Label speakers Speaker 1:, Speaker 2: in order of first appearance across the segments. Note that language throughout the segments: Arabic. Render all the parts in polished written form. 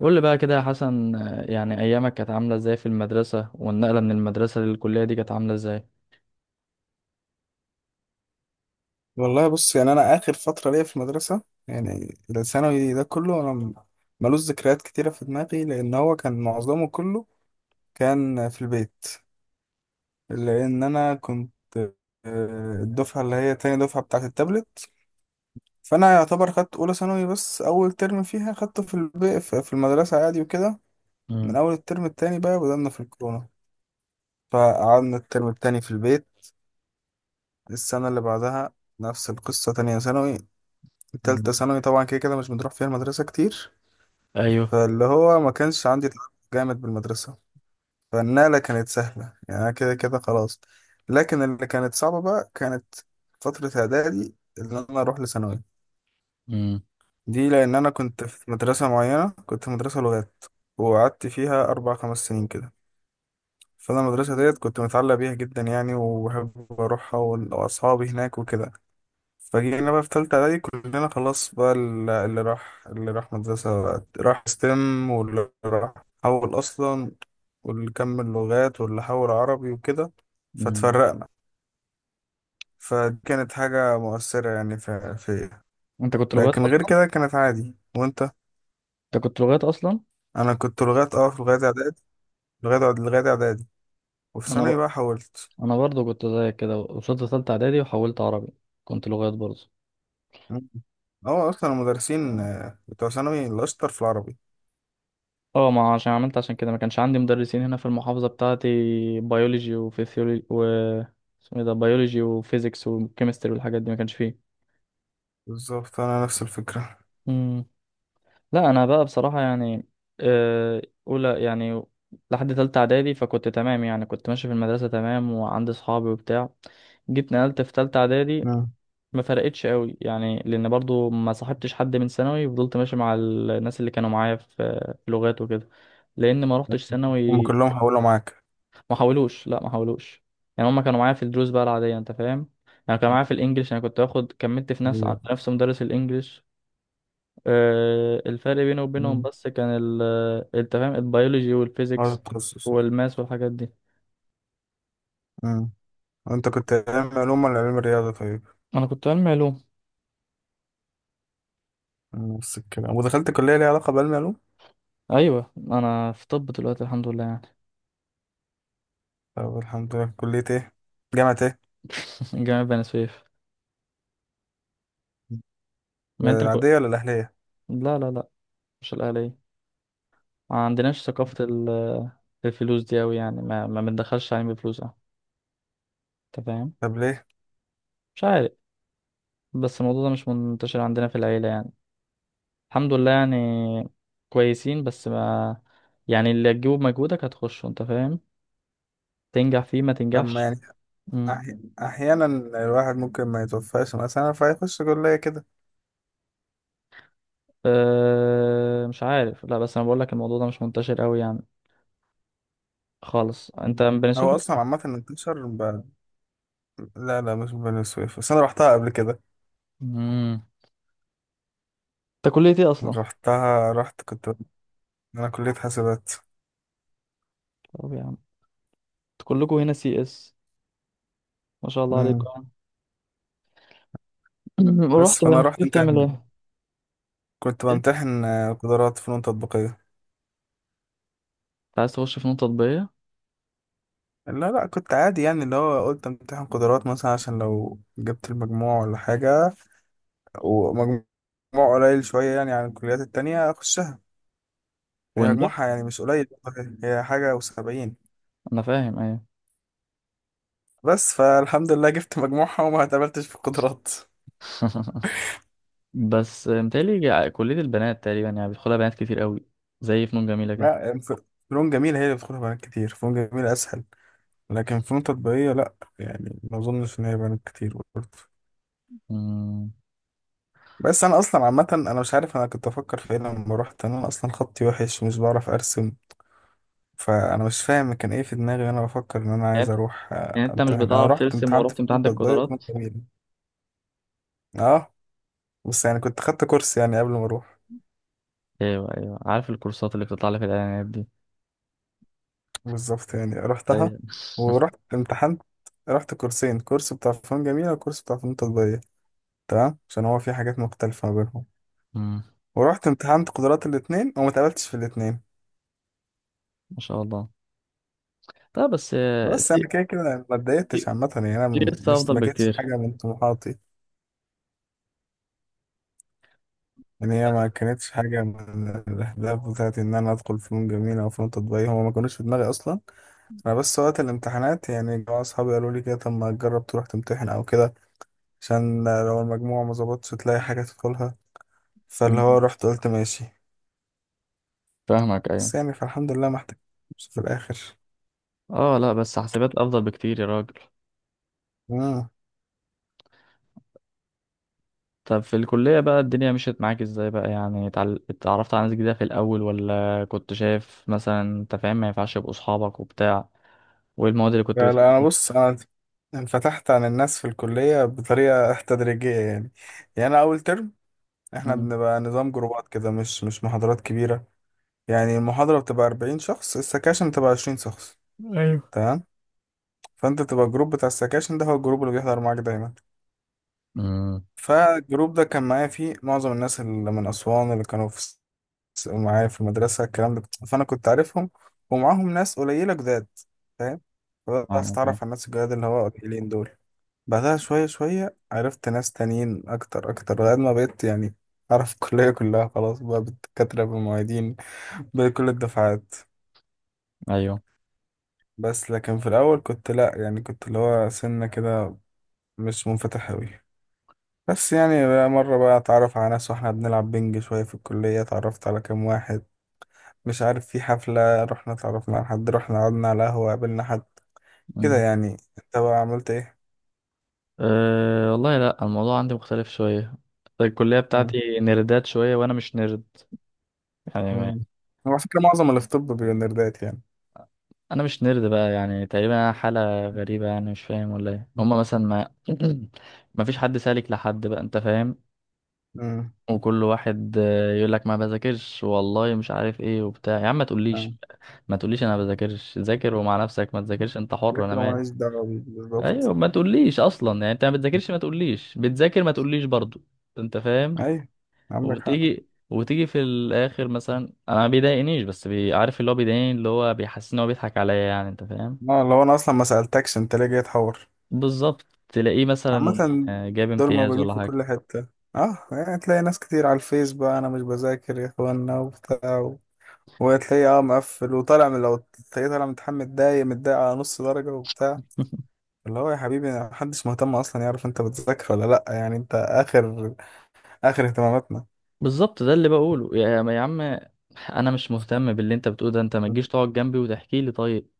Speaker 1: قول لي بقى كده يا حسن يعني ايامك كانت عامله ازاي في المدرسه والنقله من المدرسه للكليه دي كانت عامله ازاي؟
Speaker 2: والله بص، يعني انا اخر فتره ليا في المدرسه، يعني الثانوي ده كله ملوش ذكريات كتيره في دماغي، لان هو كان معظمه كله كان في البيت. لان انا كنت الدفعه اللي هي تاني دفعه بتاعه التابلت، فانا يعتبر خدت اولى ثانوي، بس اول ترم فيها خدته في البيت، في المدرسه عادي وكده. من
Speaker 1: مم.
Speaker 2: اول الترم التاني بقى بدأنا في الكورونا، فقعدنا الترم التاني في البيت. السنه اللي بعدها نفس القصه، تانية ثانوي. تالتة
Speaker 1: مم.
Speaker 2: ثانوي طبعا كده كده مش بنروح فيها المدرسة كتير،
Speaker 1: ايوه.
Speaker 2: فاللي هو ما كانش عندي تعلق جامد بالمدرسة. فالنقلة كانت سهلة، يعني أنا كده كده خلاص. لكن اللي كانت صعبة بقى كانت فترة إعدادي اللي أنا أروح لثانوي.
Speaker 1: مم.
Speaker 2: دي لأن أنا كنت في مدرسة معينة، كنت في مدرسة لغات، وقعدت فيها أربع خمس سنين كده. فأنا المدرسة ديت كنت متعلق بيها جدا يعني، وبحب أروحها، وأصحابي هناك وكده. فجينا بقى في تالتة إعدادي كلنا خلاص بقى، اللي راح، اللي راح مدرسة بقى راح ستيم، واللي راح حول أصلا، واللي كمل لغات، واللي حول عربي وكده.
Speaker 1: مم.
Speaker 2: فاتفرقنا. فدي كانت حاجة مؤثرة يعني في فيا.
Speaker 1: انت كنت لغات
Speaker 2: لكن غير
Speaker 1: اصلا؟
Speaker 2: كده كانت عادي. وأنت
Speaker 1: انت كنت لغات اصلا؟
Speaker 2: أنا كنت لغات، أه في لغاية إعدادي. لغاية إعدادي، وفي
Speaker 1: انا
Speaker 2: ثانوي
Speaker 1: ب...
Speaker 2: بقى حولت.
Speaker 1: انا برضو كنت زيك كده، وصلت ثالثه اعدادي وحولت عربي، كنت لغات برضو.
Speaker 2: مم. هو أصلا المدرسين
Speaker 1: مم.
Speaker 2: بتوع ثانوي الأشطر في العربي.
Speaker 1: اه، ما عشان عملت، عشان كده ما كانش عندي مدرسين هنا في المحافظه بتاعتي، بيولوجي وفيسيولوجي و اسمه ايه ده، بيولوجي وفيزيكس وكيمستري والحاجات دي ما كانش فيه.
Speaker 2: بالظبط أنا نفس الفكرة.
Speaker 1: مم. لا، انا بقى بصراحه آه، اولى يعني لحد تالتة اعدادي، فكنت تمام يعني، كنت ماشي في المدرسه تمام وعندي صحابي وبتاع. جيت نقلت في تالتة اعدادي،
Speaker 2: مم.
Speaker 1: ما فرقتش قوي يعني، لان برضو ما صاحبتش حد من ثانوي، فضلت ماشي مع الناس اللي كانوا معايا في في لغات وكده، لان ما روحتش
Speaker 2: هم
Speaker 1: ثانوي.
Speaker 2: كلهم حولوا معاك؟
Speaker 1: ما حاولوش، لا ما حاولوش، يعني هما كانوا معايا في الدروس بقى العاديه، انت فاهم؟ يعني كانوا معايا في الانجليش، انا كنت باخد كملت في نفس
Speaker 2: ايوه.
Speaker 1: نفس مدرس الانجليش. الفرق بيني وبينهم
Speaker 2: مم.
Speaker 1: بس كان ال، انت فاهم، البيولوجي
Speaker 2: ناقص
Speaker 1: والفيزيكس
Speaker 2: التخصص.
Speaker 1: والماس والحاجات دي.
Speaker 2: مم. انت كنت علم علوم ولا علم رياضة طيب؟
Speaker 1: انا كنت علمي علوم.
Speaker 2: نفس الكلام، ودخلت كلية ليها علاقة بعلم علوم.
Speaker 1: ايوه، انا في طب دلوقتي الحمد لله يعني.
Speaker 2: طب الحمد لله، كلية ايه؟ جامعة ايه؟
Speaker 1: جامعة بني سويف. ما انت كنت.
Speaker 2: العادية ولا الأهلية؟
Speaker 1: لا لا لا، مش الاهلية. ما عندناش ثقافة ال- الفلوس دي اوي يعني، ما ما بندخلش علم بفلوس، اه انت فاهم.
Speaker 2: طب ليه؟
Speaker 1: مش عارف، بس الموضوع ده مش منتشر عندنا في العيلة يعني، الحمد لله يعني، كويسين بس ما، يعني اللي هتجيبه بمجهودك هتخشه، انت فاهم، تنجح فيه ما
Speaker 2: أما
Speaker 1: تنجحش.
Speaker 2: يعني
Speaker 1: مم.
Speaker 2: أحيانا الواحد ممكن ما يتوفاش مثلا فيخش كلية كده.
Speaker 1: أه مش عارف، لا بس انا بقول لك الموضوع ده مش منتشر قوي يعني خالص. انت من بني سويف
Speaker 2: هو أصلا
Speaker 1: ولا-؟
Speaker 2: عامة انتشر. لا لا، مش بني سويف، بس أنا رحتها قبل كده.
Speaker 1: امم. انت كلية ايه اصلا؟
Speaker 2: رحتها رحت كنت. أنا كلية حاسبات.
Speaker 1: طب يا عم، انت كلكوا هنا سي اس، ما شاء الله
Speaker 2: مم.
Speaker 1: عليكم.
Speaker 2: بس
Speaker 1: رحت
Speaker 2: فأنا
Speaker 1: بني
Speaker 2: رحت
Speaker 1: سويف
Speaker 2: أنت
Speaker 1: تعمل
Speaker 2: يعني،
Speaker 1: ايه؟
Speaker 2: كنت
Speaker 1: إيه؟ انت
Speaker 2: بمتحن قدرات فنون تطبيقية.
Speaker 1: عايز تخش فنون تطبيقية؟
Speaker 2: لا لا، كنت عادي، يعني اللي هو قلت امتحن قدرات مثلا عشان لو جبت المجموع ولا حاجة، ومجموع قليل شوية يعني عن الكليات التانية أخشها. هي
Speaker 1: ونجح؟
Speaker 2: مجموعها يعني مش قليل، هي حاجة وسبعين.
Speaker 1: انا فاهم ايه.
Speaker 2: بس فالحمد لله جبت مجموعها وما اتقبلتش في القدرات.
Speaker 1: بس متهيألي ع- كلية البنات تقريبا، يعني بيدخلها بنات كتير قوي، زي فنون جميلة كده.
Speaker 2: لا. فنون جميلة هي اللي بتدخلها بنات كتير، فنون جميلة أسهل. لكن فنون تطبيقية لأ، يعني ما أظنش إن هي بنات كتير برضه.
Speaker 1: امم.
Speaker 2: بس أنا أصلا عامة أنا مش عارف أنا كنت أفكر في إيه لما روحت، أنا أصلا خطي وحش ومش بعرف أرسم. فانا مش فاهم كان ايه في دماغي وانا بفكر ان انا
Speaker 1: يعني
Speaker 2: عايز
Speaker 1: انت
Speaker 2: اروح
Speaker 1: يعني انت مش
Speaker 2: امتحن. انا
Speaker 1: بتعرف
Speaker 2: رحت كنت
Speaker 1: ترسم
Speaker 2: امتحنت
Speaker 1: ورحت
Speaker 2: في
Speaker 1: امتحان عندك
Speaker 2: ماده تضيق في ماده
Speaker 1: قدرات؟
Speaker 2: جميله. اه، بس يعني كنت خدت كورس يعني قبل ما اروح.
Speaker 1: ايوه ايوه، عارف الكورسات اللي بتطلع لك في الاعلانات دي.
Speaker 2: بالظبط، يعني رحتها
Speaker 1: ايوه.
Speaker 2: ورحت امتحنت. رحت كورسين، كورس بتاع فنون جميله وكورس بتاع فنون تطبيقيه، تمام، عشان هو في حاجات مختلفه ما بينهم.
Speaker 1: مم.
Speaker 2: ورحت امتحنت قدرات الاثنين، وما اتقبلتش في الاثنين.
Speaker 1: ما شاء الله. لا بس
Speaker 2: بس انا
Speaker 1: سي،
Speaker 2: كده كده ما
Speaker 1: سي،
Speaker 2: اتضايقتش عامه، يعني
Speaker 1: سي
Speaker 2: انا
Speaker 1: اس
Speaker 2: مش،
Speaker 1: افضل
Speaker 2: ما كانتش
Speaker 1: بكتير.
Speaker 2: حاجه من طموحاتي، ان هي ما كانتش حاجه من الاهداف بتاعتي ان انا ادخل فنون جميله او فنون تطبيقيه، هما ما كانوش في دماغي اصلا. انا بس وقت الامتحانات يعني جماعه اصحابي قالوا لي كده، طب ما تجرب تروح تمتحن او كده، عشان لو المجموع ما ظبطش تلاقي حاجه تدخلها. فاللي
Speaker 1: مم.
Speaker 2: هو رحت قلت ماشي.
Speaker 1: فاهمك، ايوه.
Speaker 2: بس يعني فالحمد لله ما احتجتش في الاخر.
Speaker 1: اه لا بس حاسبات افضل بكتير يا راجل.
Speaker 2: امم.
Speaker 1: طب في الكلية بقى الدنيا مشيت معاك ازاي بقى؟ يعني اتعرفت على ناس جديدة في الاول، ولا كنت شايف مثلا، انت فاهم، ما ينفعش يبقوا اصحابك وبتاع؟ وايه المواد اللي كنت
Speaker 2: لا لا، انا
Speaker 1: بتحبها؟
Speaker 2: بص، انا انفتحت عن الناس في الكليه بطريقه تدريجيه يعني. يعني انا اول ترم، احنا
Speaker 1: مم.
Speaker 2: بنبقى نظام جروبات كده، مش محاضرات كبيره. يعني المحاضرة بتبقى 40 شخص، السكاشن بتبقى 20 شخص،
Speaker 1: ايوه.
Speaker 2: تمام. فانت بتبقى الجروب بتاع السكاشن ده هو الجروب اللي بيحضر معاك دايما.
Speaker 1: امم.
Speaker 2: فالجروب ده كان معايا فيه معظم الناس اللي من أسوان، اللي كانوا في معايا في المدرسة، الكلام ده فأنا كنت عارفهم. ومعاهم ناس قليلة جداد، فاهم؟ فبدأت
Speaker 1: فاهمك
Speaker 2: أتعرف على
Speaker 1: أيوة.
Speaker 2: الناس الجداد اللي هو قليلين دول. بعدها شوية شوية عرفت ناس تانيين أكتر أكتر، لغاية ما بقيت يعني أعرف الكلية كلها خلاص بقى، بالدكاترة بالمعيدين، بكل الدفعات.
Speaker 1: ايوه.
Speaker 2: بس لكن في الأول كنت لأ، يعني كنت اللي هو سنة كده مش منفتح أوي. بس يعني بقى مرة بقى أتعرف على ناس وإحنا بنلعب بنج شوية في الكلية، اتعرفت على كام واحد، مش عارف، في حفلة رحنا اتعرفنا على حد، رحنا قعدنا على قهوة قابلنا حد، كده
Speaker 1: امم.
Speaker 2: يعني. أنت بقى عملت إيه؟
Speaker 1: أه والله لا، الموضوع عندي مختلف شويه، الكليه
Speaker 2: مم.
Speaker 1: بتاعتي نردات شويه وانا مش نرد يعني.
Speaker 2: مم. هو على فكرة معظم اللي في طب بيبقوا نيردات يعني.
Speaker 1: انا مش نرد بقى يعني، تقريبا أنا حاله غريبه يعني، مش فاهم ولا ايه هما مثلا ما ما فيش حد سالك لحد بقى، انت فاهم،
Speaker 2: امم.
Speaker 1: وكل واحد يقول لك ما بذاكرش والله مش عارف ايه وبتاع. يا عم ما تقوليش،
Speaker 2: آه.
Speaker 1: ما تقوليش انا ما بذاكرش، ذاكر ومع نفسك، ما تذاكرش انت حر انا
Speaker 2: لكن هو
Speaker 1: مالي.
Speaker 2: ماليش دعوة بيه بالظبط.
Speaker 1: ايوه، ما تقوليش اصلا، يعني انت ما بتذاكرش ما تقوليش، بتذاكر ما تقوليش برضو، انت فاهم.
Speaker 2: أيوة، عندك حق.
Speaker 1: وتيجي في الاخر مثلا، انا ما بيضايقنيش، عارف اللي هو بيضايقني، اللي هو بيحسسني ان هو بيضحك عليا، يعني انت فاهم.
Speaker 2: اه، لو أنا أصلا ما سألتكش أنت ليه جاي تحور؟
Speaker 1: بالظبط، تلاقيه مثلا
Speaker 2: عامة
Speaker 1: جاب
Speaker 2: دول
Speaker 1: امتياز
Speaker 2: موجودين
Speaker 1: ولا
Speaker 2: في
Speaker 1: حاجة.
Speaker 2: كل حتة. اه، يعني تلاقي ناس كتير على الفيس بقى، انا مش بذاكر يا اخوانا وبتاع وتلاقيه اه مقفل وطالع من لو، تلاقيه طالع متحمل، متضايق متضايق على نص درجة وبتاع. اللي هو يا حبيبي محدش مهتم اصلا يعرف انت بتذاكر ولا لأ، يعني انت اخر، اخر اهتماماتنا.
Speaker 1: بالظبط، ده اللي بقوله يا عم، انا مش مهتم باللي انت بتقوله ده، انت ما تجيش تقعد جنبي وتحكي لي. طيب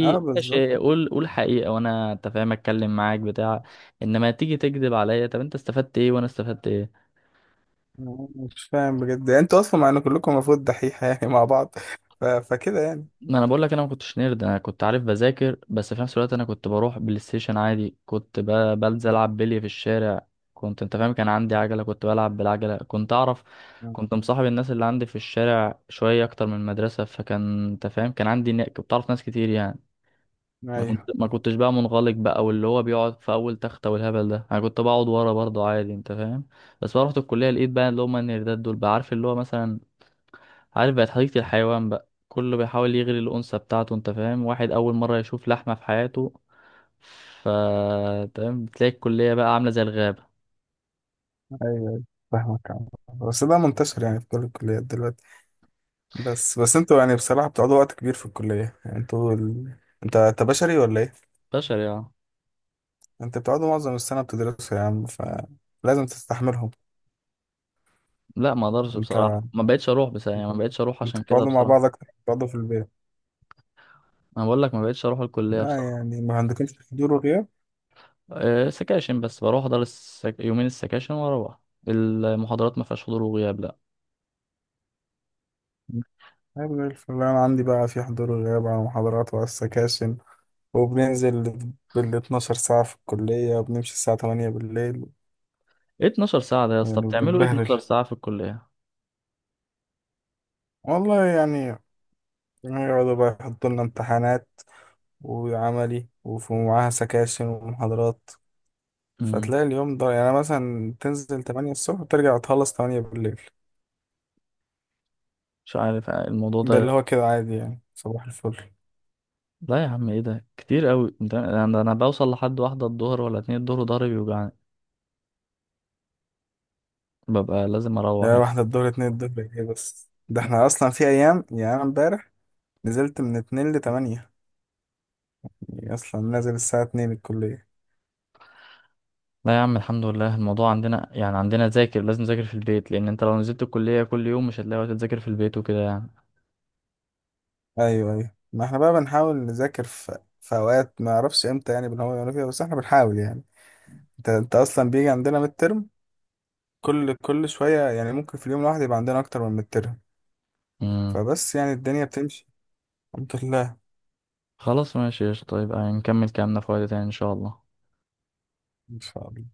Speaker 2: اه بالظبط.
Speaker 1: ماشي، قول حقيقة وانا، انت فاهم، اتكلم معاك بتاع انما تيجي تكذب عليا، طب انت استفدت ايه وانا استفدت ايه؟
Speaker 2: مش فاهم بجد، انتوا اصلا مع ان كلكم المفروض دحيحة يعني مع بعض، فكده يعني.
Speaker 1: ما انا بقول لك، انا ما كنتش نيرد، انا كنت عارف بذاكر، بس في نفس الوقت انا كنت بروح بلاي ستيشن عادي، كنت بنزل العب بلي في الشارع، كنت انت فاهم كان عندي عجله، كنت بلعب بالعجله، كنت اعرف، كنت مصاحب الناس اللي عندي في الشارع شويه اكتر من المدرسه، فكان انت فاهم كان عندي كنت بعرف ناس كتير يعني.
Speaker 2: ايوه
Speaker 1: ما كنت
Speaker 2: ايوه.
Speaker 1: ما كنتش بقى منغلق بقى، واللي هو بيقعد في اول تخته والهبل ده، انا كنت بقعد ورا برضه عادي، انت فاهم. بس بقى رحت الكليه، لقيت بقى اللي هم النيردات دول بقى، عارف اللي هو مثلا، عارف بقت حديقة الحيوان بقى، كله بيحاول يغري الأنثى بتاعته، أنت فاهم، واحد أول مرة يشوف لحمة في حياته. ف، تمام، بتلاقي الكلية بقى عاملة زي الغابة.
Speaker 2: أيوة. فاهمك عم. بس ده منتشر يعني في كل الكليات دلوقتي. بس انتوا يعني بصراحة بتقعدوا وقت كبير في الكلية، يعني انت بشري ولا ايه؟
Speaker 1: بشر يعني.
Speaker 2: انت بتقعدوا معظم السنة بتدرسوا يا عم، فلازم تستحملهم.
Speaker 1: لا ما اقدرش بصراحة،
Speaker 2: انت
Speaker 1: ما بقتش اروح بصراحة يعني، ما بقتش اروح
Speaker 2: انت
Speaker 1: عشان كده
Speaker 2: بتقعدوا مع
Speaker 1: بصراحة.
Speaker 2: بعض اكتر ما بتقعدوا في البيت.
Speaker 1: انا بقول لك ما بقتش اروح الكلية
Speaker 2: لا،
Speaker 1: بصراحة.
Speaker 2: يعني ما عندكمش حضور وغياب؟
Speaker 1: أه سكاشن بس، بروح احضر يومين السكاشن واروح، المحاضرات ما فيهاش حضور وغياب لا.
Speaker 2: طيب زي الفل، انا عندي بقى في حضور وغياب على محاضرات وعلى السكاشن، وبننزل بال 12 ساعة في الكلية، وبنمشي الساعة 8 بالليل.
Speaker 1: ايه 12 ساعة ده يا
Speaker 2: يعني
Speaker 1: اسطى، بتعملوا ايه
Speaker 2: بنتبهدل
Speaker 1: 12 ساعة في الكلية؟
Speaker 2: والله يعني. يقعدوا بقى يحطوا لنا امتحانات وعملي، ومعاها سكاشن ومحاضرات.
Speaker 1: امم.
Speaker 2: فتلاقي اليوم ده يعني مثلا تنزل تمانية الصبح وترجع تخلص تمانية بالليل.
Speaker 1: مش عارف الموضوع
Speaker 2: ده اللي
Speaker 1: ده.
Speaker 2: هو كده عادي يعني، صباح الفل.
Speaker 1: لا يا عم ايه ده كتير قوي، انت انا أنا بوصل لحد واحدة الظهر ولا اتنين الظهر وضهري بيوجعني، ببقى لازم اروح
Speaker 2: يعني
Speaker 1: يعني.
Speaker 2: واحدة الظهر اتنين الظهر ايه؟ بس ده احنا أصلا في أيام، يعني أنا امبارح نزلت من اتنين لتمانية، يعني أصلا نازل الساعة اتنين الكلية.
Speaker 1: لا يا عم الحمد لله الموضوع عندنا يعني، عندنا ذاكر، لازم نذاكر في البيت، لان انت لو نزلت الكلية كل يوم مش هتلاقي وقت تذاكر في البيت وكده يعني.
Speaker 2: أيوه أيوه، ما احنا بقى بنحاول نذاكر في أوقات ما أعرفش إمتى يعني، بنحاول نعمل فيها، بس احنا بنحاول يعني. انت أصلا بيجي عندنا ميد ترم كل شوية، يعني ممكن في اليوم الواحد يبقى عندنا أكتر من ميد ترم،
Speaker 1: امم.
Speaker 2: فبس يعني الدنيا بتمشي الحمد لله.
Speaker 1: خلاص ماشي قشطة، طيب نكمل كلامنا في وقت تاني ان شاء الله.
Speaker 2: ان شاء الله.